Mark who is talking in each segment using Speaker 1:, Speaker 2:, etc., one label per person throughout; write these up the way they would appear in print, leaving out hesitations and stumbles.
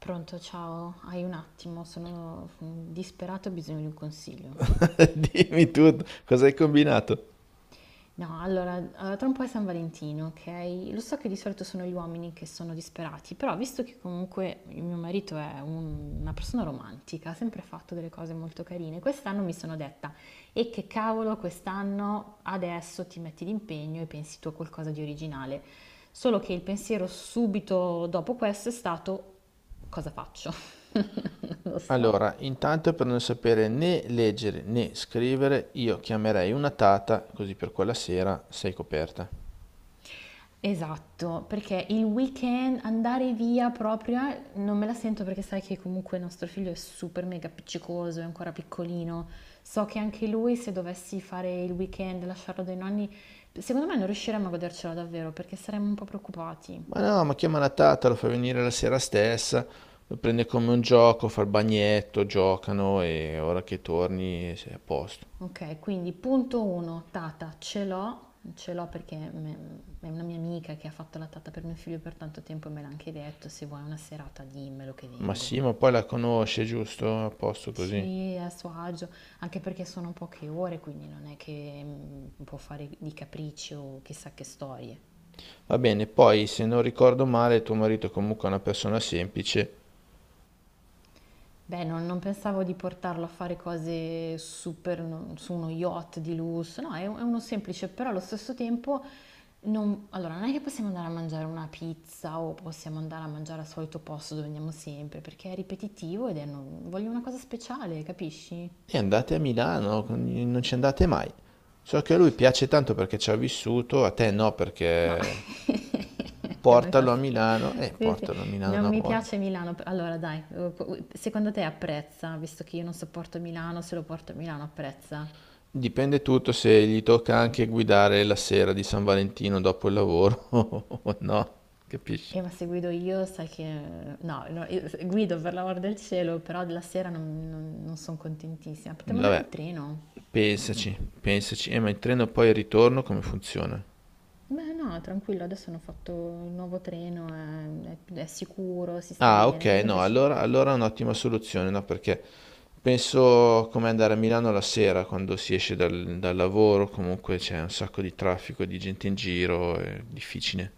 Speaker 1: Pronto, ciao, hai un attimo, sono disperata, ho bisogno di un consiglio.
Speaker 2: Dimmi tutto, cosa hai combinato?
Speaker 1: No, allora, tra un po' è San Valentino, ok? Lo so che di solito sono gli uomini che sono disperati, però visto che comunque il mio marito è una persona romantica, ha sempre fatto delle cose molto carine, quest'anno mi sono detta, e che cavolo, quest'anno adesso ti metti d'impegno e pensi tu a qualcosa di originale. Solo che il pensiero subito dopo questo è stato, cosa faccio? Non lo so.
Speaker 2: Allora, intanto per non sapere né leggere né scrivere, io chiamerei una tata, così per quella sera sei coperta.
Speaker 1: Esatto, perché il weekend andare via proprio non me la sento perché sai che comunque il nostro figlio è super mega appiccicoso, è ancora piccolino. So che anche lui se dovessi fare il weekend, lasciarlo dai nonni, secondo me non riusciremmo a godercelo davvero perché saremmo un po' preoccupati.
Speaker 2: Ma no, ma chiama la tata, lo fa venire la sera stessa, lo prende come un gioco, fa il bagnetto, giocano e ora che torni sei a posto.
Speaker 1: Ok, quindi punto 1, tata, ce l'ho perché è una mia amica che ha fatto la tata per mio figlio per tanto tempo e me l'ha anche detto, se vuoi una serata dimmelo che
Speaker 2: Ma
Speaker 1: vengo.
Speaker 2: sì, ma poi la conosce, giusto? A posto così.
Speaker 1: Sì, a suo agio, anche perché sono poche ore, quindi non è che può fare di capricci o chissà che storie.
Speaker 2: Va bene, poi se non ricordo male, tuo marito è comunque una persona semplice.
Speaker 1: Beh, non pensavo di portarlo a fare cose super no, su uno yacht di lusso, no, è, è uno semplice, però allo stesso tempo non, allora, non è che possiamo andare a mangiare una pizza o possiamo andare a mangiare al solito posto dove andiamo sempre, perché è ripetitivo ed è voglio una cosa speciale, capisci?
Speaker 2: E andate a Milano, non ci andate mai. So che a lui piace tanto perché ci ha vissuto, a te no,
Speaker 1: No.
Speaker 2: perché
Speaker 1: Che mi fa
Speaker 2: portalo a
Speaker 1: schifo.
Speaker 2: Milano e
Speaker 1: Sì, sì.
Speaker 2: portalo a Milano
Speaker 1: Non
Speaker 2: una
Speaker 1: mi
Speaker 2: volta.
Speaker 1: piace Milano. Allora, dai, secondo te apprezza, visto che io non sopporto Milano, se lo porto a Milano apprezza?
Speaker 2: Dipende tutto se gli tocca anche guidare la sera di San Valentino dopo il lavoro o no, capisci?
Speaker 1: Ma se guido io, sai che... No, no, io guido per l'amor del cielo, però la sera non sono contentissima. Potremmo andare in
Speaker 2: Vabbè,
Speaker 1: treno?
Speaker 2: pensaci, pensaci. Ma il treno poi al ritorno come funziona?
Speaker 1: Beh, no, tranquillo, adesso hanno fatto il nuovo treno, è, è sicuro, si sta
Speaker 2: Ah, ok,
Speaker 1: bene, così
Speaker 2: no,
Speaker 1: invece.
Speaker 2: allora, allora è un'ottima soluzione, no? Perché penso come andare a Milano la sera quando si esce dal lavoro, comunque c'è un sacco di traffico, di gente in giro, è difficile.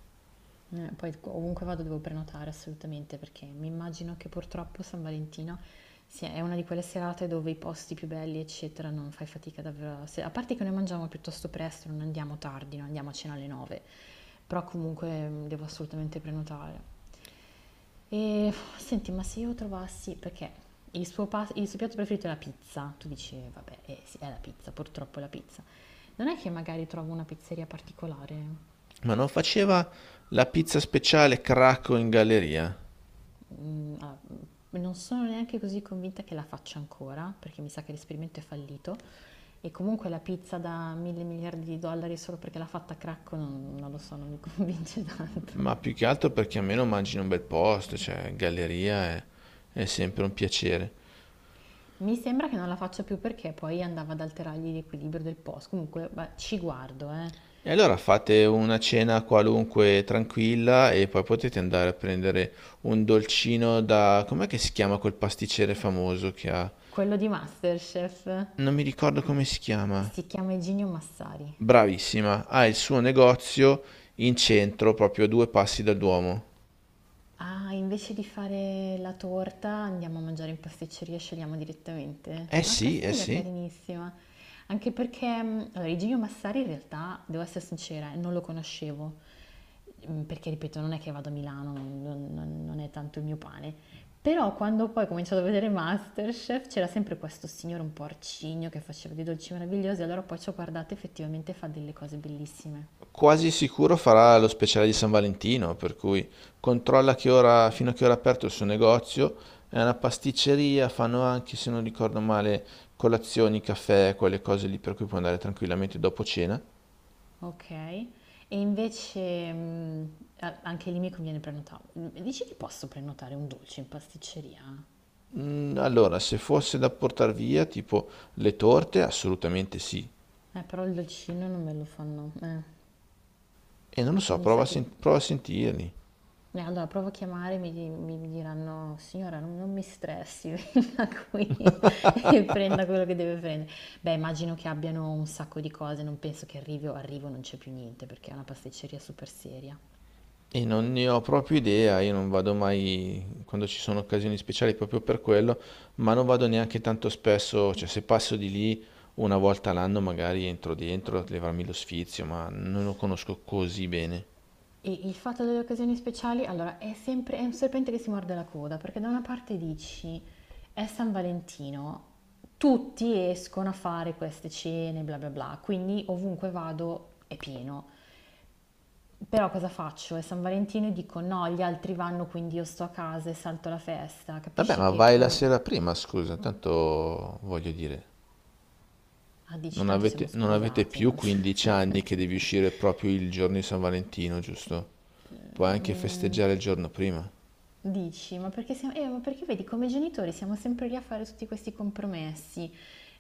Speaker 1: Poi ovunque vado devo prenotare assolutamente perché mi immagino che purtroppo San Valentino sia, è una di quelle serate dove i posti più belli, eccetera, non fai fatica davvero. A se- A parte che noi mangiamo piuttosto presto, non andiamo tardi, non andiamo a cena alle 9, però comunque devo assolutamente prenotare. E senti, ma se io trovassi, perché il il suo piatto preferito è la pizza, tu dici, vabbè, sì, è la pizza, purtroppo è la pizza. Non è che magari trovo una pizzeria particolare?
Speaker 2: Ma non faceva la pizza speciale Cracco in galleria,
Speaker 1: Non sono neanche così convinta che la faccia ancora, perché mi sa che l'esperimento è fallito. E comunque la pizza da mille miliardi di dollari solo perché l'ha fatta a Cracco non lo so, non mi convince
Speaker 2: ma
Speaker 1: tanto.
Speaker 2: più che altro perché almeno mangi in un bel posto, cioè galleria è sempre un piacere.
Speaker 1: Mi sembra che non la faccia più perché poi andava ad alterargli l'equilibrio del post. Comunque beh, ci guardo, eh.
Speaker 2: E allora fate una cena qualunque tranquilla e poi potete andare a prendere un dolcino da... Com'è che si chiama quel pasticcere famoso che ha?
Speaker 1: Quello di Masterchef
Speaker 2: Non mi ricordo come si chiama.
Speaker 1: si chiama Eginio Massari.
Speaker 2: Bravissima, ha il suo negozio in centro, proprio a due passi dal Duomo.
Speaker 1: Ah, invece di fare la torta andiamo a mangiare in pasticceria e scegliamo direttamente?
Speaker 2: Eh
Speaker 1: Ah,
Speaker 2: sì,
Speaker 1: questa è
Speaker 2: eh
Speaker 1: un'idea
Speaker 2: sì.
Speaker 1: carinissima. Anche perché, allora, Igino Massari in realtà, devo essere sincera, non lo conoscevo. Perché, ripeto, non è che vado a Milano, non è tanto il mio pane. Però quando poi ho cominciato a vedere Masterchef c'era sempre questo signore un po' arcigno che faceva dei dolci meravigliosi, allora poi ci ho guardato effettivamente fa delle cose bellissime.
Speaker 2: Quasi sicuro farà lo speciale di San Valentino, per cui controlla che ora, fino a che ora è aperto il suo negozio. È una pasticceria, fanno anche, se non ricordo male, colazioni, caffè, quelle cose lì per cui puoi andare tranquillamente dopo cena.
Speaker 1: Okay. E invece, a anche lì mi conviene prenota dici che posso prenotare un dolce in pasticceria?
Speaker 2: Mm, allora, se fosse da portare via, tipo le torte, assolutamente sì.
Speaker 1: Però il dolcino non me lo fanno
Speaker 2: E non lo so,
Speaker 1: mi sa
Speaker 2: prova a,
Speaker 1: che
Speaker 2: prova a sentirli.
Speaker 1: allora provo a chiamare, mi di mi mi diranno: "Signora non mi stressi, venga qui e prenda quello che deve prendere". Beh, immagino che abbiano un sacco di cose, non penso che arrivo e non c'è più niente, perché è una pasticceria super seria.
Speaker 2: E non ne ho proprio idea, io non vado mai quando ci sono occasioni speciali proprio per quello, ma non vado neanche tanto spesso, cioè se passo di lì una volta all'anno magari entro dentro a levarmi lo sfizio, ma non lo conosco così bene.
Speaker 1: Il fatto delle occasioni speciali, allora, è un serpente che si morde la coda, perché da una parte dici è San Valentino, tutti escono a fare queste cene, bla bla bla, quindi ovunque vado è pieno. Però cosa faccio? È San Valentino e dico no, gli altri vanno, quindi io sto a casa e salto la festa.
Speaker 2: Vabbè,
Speaker 1: Capisci
Speaker 2: ma
Speaker 1: che
Speaker 2: vai la sera prima, scusa, tanto voglio dire,
Speaker 1: ah, dici tanto siamo
Speaker 2: non avete
Speaker 1: sposati,
Speaker 2: più
Speaker 1: no?
Speaker 2: 15 anni che devi uscire proprio il giorno di San Valentino, giusto? Puoi anche
Speaker 1: Mm,
Speaker 2: festeggiare il giorno prima.
Speaker 1: Dici, ma perché siamo, ma perché vedi, come genitori siamo sempre lì a fare tutti questi compromessi.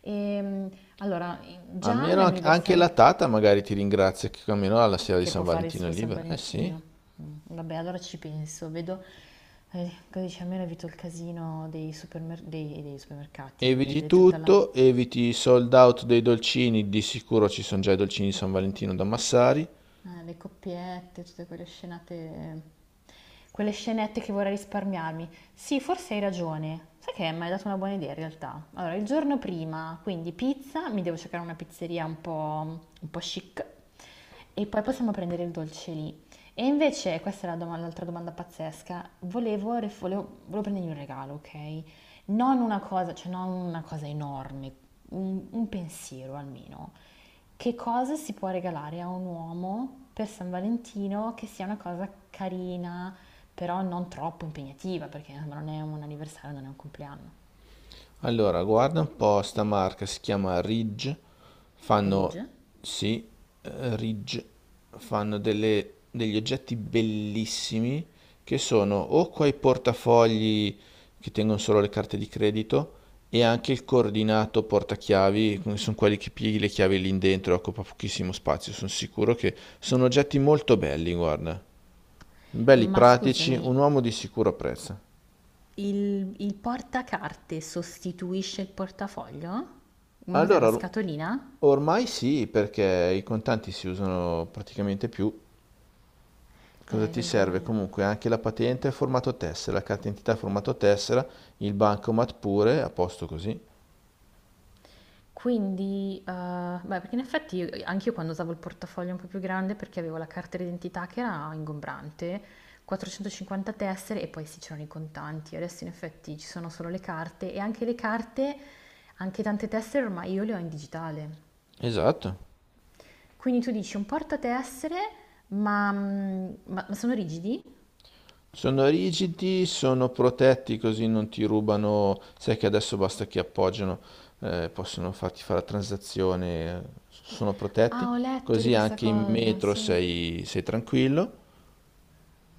Speaker 1: Ehm, allora,
Speaker 2: A
Speaker 1: già
Speaker 2: meno anche
Speaker 1: l'anniversario
Speaker 2: la tata magari ti ringrazia che almeno alla sera di
Speaker 1: che
Speaker 2: San
Speaker 1: può fare il
Speaker 2: Valentino è
Speaker 1: suo San
Speaker 2: libera. Eh sì.
Speaker 1: Valentino. Vabbè, allora ci penso, vedo, cosa dice, almeno evito il casino dei supermercati,
Speaker 2: Eviti
Speaker 1: de tutta la.
Speaker 2: tutto, eviti i sold out dei dolcini, di sicuro ci sono già i dolcini di San Valentino da Massari.
Speaker 1: Le coppiette, tutte quelle scenate, quelle scenette che vorrei risparmiarmi. Sì, forse hai ragione. Sai che mi hai dato una buona idea in realtà. Allora, il giorno prima, quindi pizza, mi devo cercare una pizzeria un po' chic e poi possiamo prendere il dolce lì. E invece, questa è la l'altra domanda pazzesca, volevo prendergli un regalo, ok? Non una cosa, cioè non una cosa enorme, un pensiero almeno. Che cosa si può regalare a un uomo per San Valentino che sia una cosa carina, però non troppo impegnativa, perché insomma, non è un anniversario, non è un compleanno.
Speaker 2: Allora, guarda un po', sta marca si chiama Ridge, fanno,
Speaker 1: Ridge?
Speaker 2: sì, Ridge, fanno degli oggetti bellissimi che sono o quei portafogli che tengono solo le carte di credito e anche il coordinato portachiavi, che sono quelli che pieghi le chiavi lì dentro, e occupa pochissimo spazio, sono sicuro che sono oggetti molto belli, guarda, belli
Speaker 1: Ma
Speaker 2: pratici, un
Speaker 1: scusami,
Speaker 2: uomo di sicuro apprezza.
Speaker 1: il portacarte sostituisce il portafoglio? Ma cos'è,
Speaker 2: Allora,
Speaker 1: una scatolina?
Speaker 2: ormai sì, perché i contanti si usano praticamente più. Cosa
Speaker 1: Hai
Speaker 2: ti serve?
Speaker 1: ragione.
Speaker 2: Comunque anche la patente a formato tessera, la carta d'identità a formato tessera, il bancomat pure, a posto così.
Speaker 1: Quindi, beh, perché in effetti anche io quando usavo il portafoglio un po' più grande perché avevo la carta d'identità che era ingombrante, 450 tessere e poi sì, c'erano i contanti. Adesso in effetti ci sono solo le carte e anche le carte, anche tante tessere ormai io le ho in digitale.
Speaker 2: Esatto.
Speaker 1: Quindi tu dici un portatessere, ma sono rigidi?
Speaker 2: Sono rigidi, sono protetti così non ti rubano. Sai che adesso basta che appoggiano, possono farti fare la transazione, sono protetti.
Speaker 1: Ah, ho letto di
Speaker 2: Così
Speaker 1: questa
Speaker 2: anche in
Speaker 1: cosa,
Speaker 2: metro
Speaker 1: sì.
Speaker 2: sei tranquillo.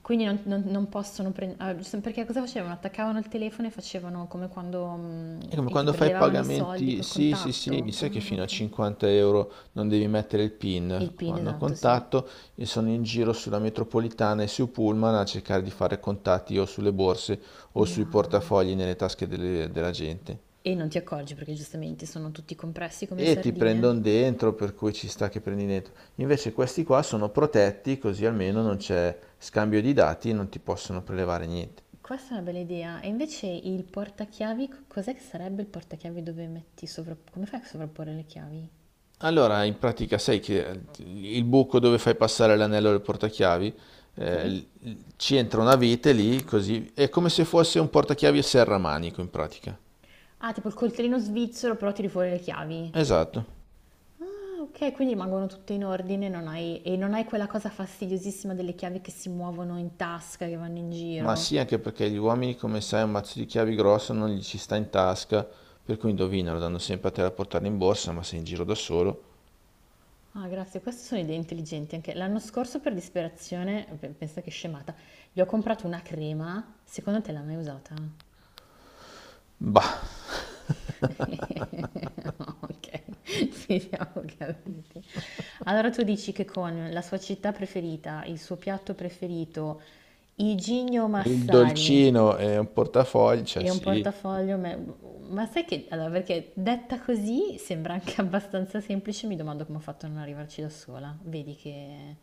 Speaker 1: Quindi non possono prendere... perché cosa facevano? Attaccavano il telefono e facevano come quando...
Speaker 2: È come
Speaker 1: e ti
Speaker 2: quando fai
Speaker 1: prelevavano i soldi
Speaker 2: pagamenti,
Speaker 1: col
Speaker 2: sì, sì, sì,
Speaker 1: contatto.
Speaker 2: sai che
Speaker 1: Ah,
Speaker 2: fino a
Speaker 1: ok.
Speaker 2: 50 € non devi mettere il PIN,
Speaker 1: Il PIN,
Speaker 2: fanno
Speaker 1: esatto, sì.
Speaker 2: contatto e sono in giro sulla metropolitana e su Pullman a cercare di fare contatti o sulle borse o sui
Speaker 1: No.
Speaker 2: portafogli nelle tasche della gente.
Speaker 1: E non ti accorgi perché giustamente sono tutti compressi come
Speaker 2: E ti
Speaker 1: sardine.
Speaker 2: prendono dentro, per cui ci sta che prendi dentro. Invece questi qua sono protetti, così almeno non c'è scambio di dati e non ti possono prelevare niente.
Speaker 1: Questa è una bella idea. E invece il portachiavi, cos'è che sarebbe il portachiavi dove metti sovra... Come fai a sovrapporre le chiavi?
Speaker 2: Allora, in pratica sai che il buco dove fai passare l'anello del portachiavi,
Speaker 1: Sì?
Speaker 2: ci entra una vite lì, così è come se fosse un portachiavi a serramanico in pratica.
Speaker 1: Ah, tipo il coltellino svizzero, però tiri fuori le chiavi.
Speaker 2: Esatto.
Speaker 1: Ah, ok, quindi rimangono tutte in ordine, non hai- e non hai quella cosa fastidiosissima delle chiavi che si muovono in tasca, che vanno in
Speaker 2: Ma
Speaker 1: giro.
Speaker 2: sì, anche perché gli uomini, come sai, un mazzo di chiavi grosso non gli ci sta in tasca, per cui indovinano, danno sempre a te da portare in borsa, ma sei in giro da solo.
Speaker 1: Ah, grazie, queste sono idee intelligenti anche. L'anno scorso per disperazione, pensa che scemata, gli ho comprato una crema, secondo te l'ha mai usata?
Speaker 2: Bah,
Speaker 1: Ok, finiamo capiti. Allora tu dici che con la sua città preferita, il suo piatto preferito, i Gigno
Speaker 2: il
Speaker 1: Massari
Speaker 2: dolcino e un portafoglio, cioè
Speaker 1: e un
Speaker 2: sì.
Speaker 1: portafoglio, ma sai che, allora, perché detta così sembra anche abbastanza semplice, mi domando come ho fatto a non arrivarci da sola. Vedi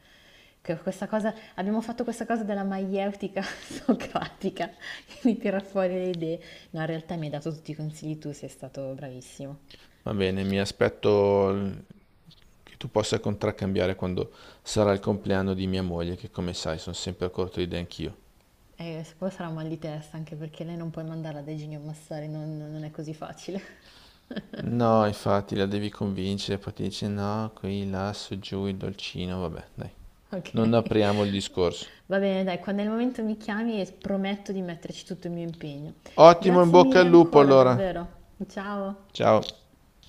Speaker 1: che questa cosa, abbiamo fatto questa cosa della maieutica socratica che mi tira fuori le idee. No, in realtà mi hai dato tutti i consigli tu, sei stato bravissimo.
Speaker 2: Va bene, mi aspetto che tu possa contraccambiare quando sarà il compleanno di mia moglie, che come sai sono sempre a corto di idee anch'io.
Speaker 1: E poi sarà un mal di testa, anche perché lei non puoi mandarla dai geni a massare, non è così facile.
Speaker 2: No, infatti la devi convincere, poi ti dice no, qui, là, su, giù, il dolcino, vabbè, dai.
Speaker 1: Ok,
Speaker 2: Non apriamo il discorso.
Speaker 1: va bene, dai, quando è il momento mi chiami e prometto di metterci tutto il mio impegno.
Speaker 2: Ottimo, in
Speaker 1: Grazie
Speaker 2: bocca
Speaker 1: mille
Speaker 2: al lupo
Speaker 1: ancora,
Speaker 2: allora.
Speaker 1: davvero. Ciao.
Speaker 2: Ciao.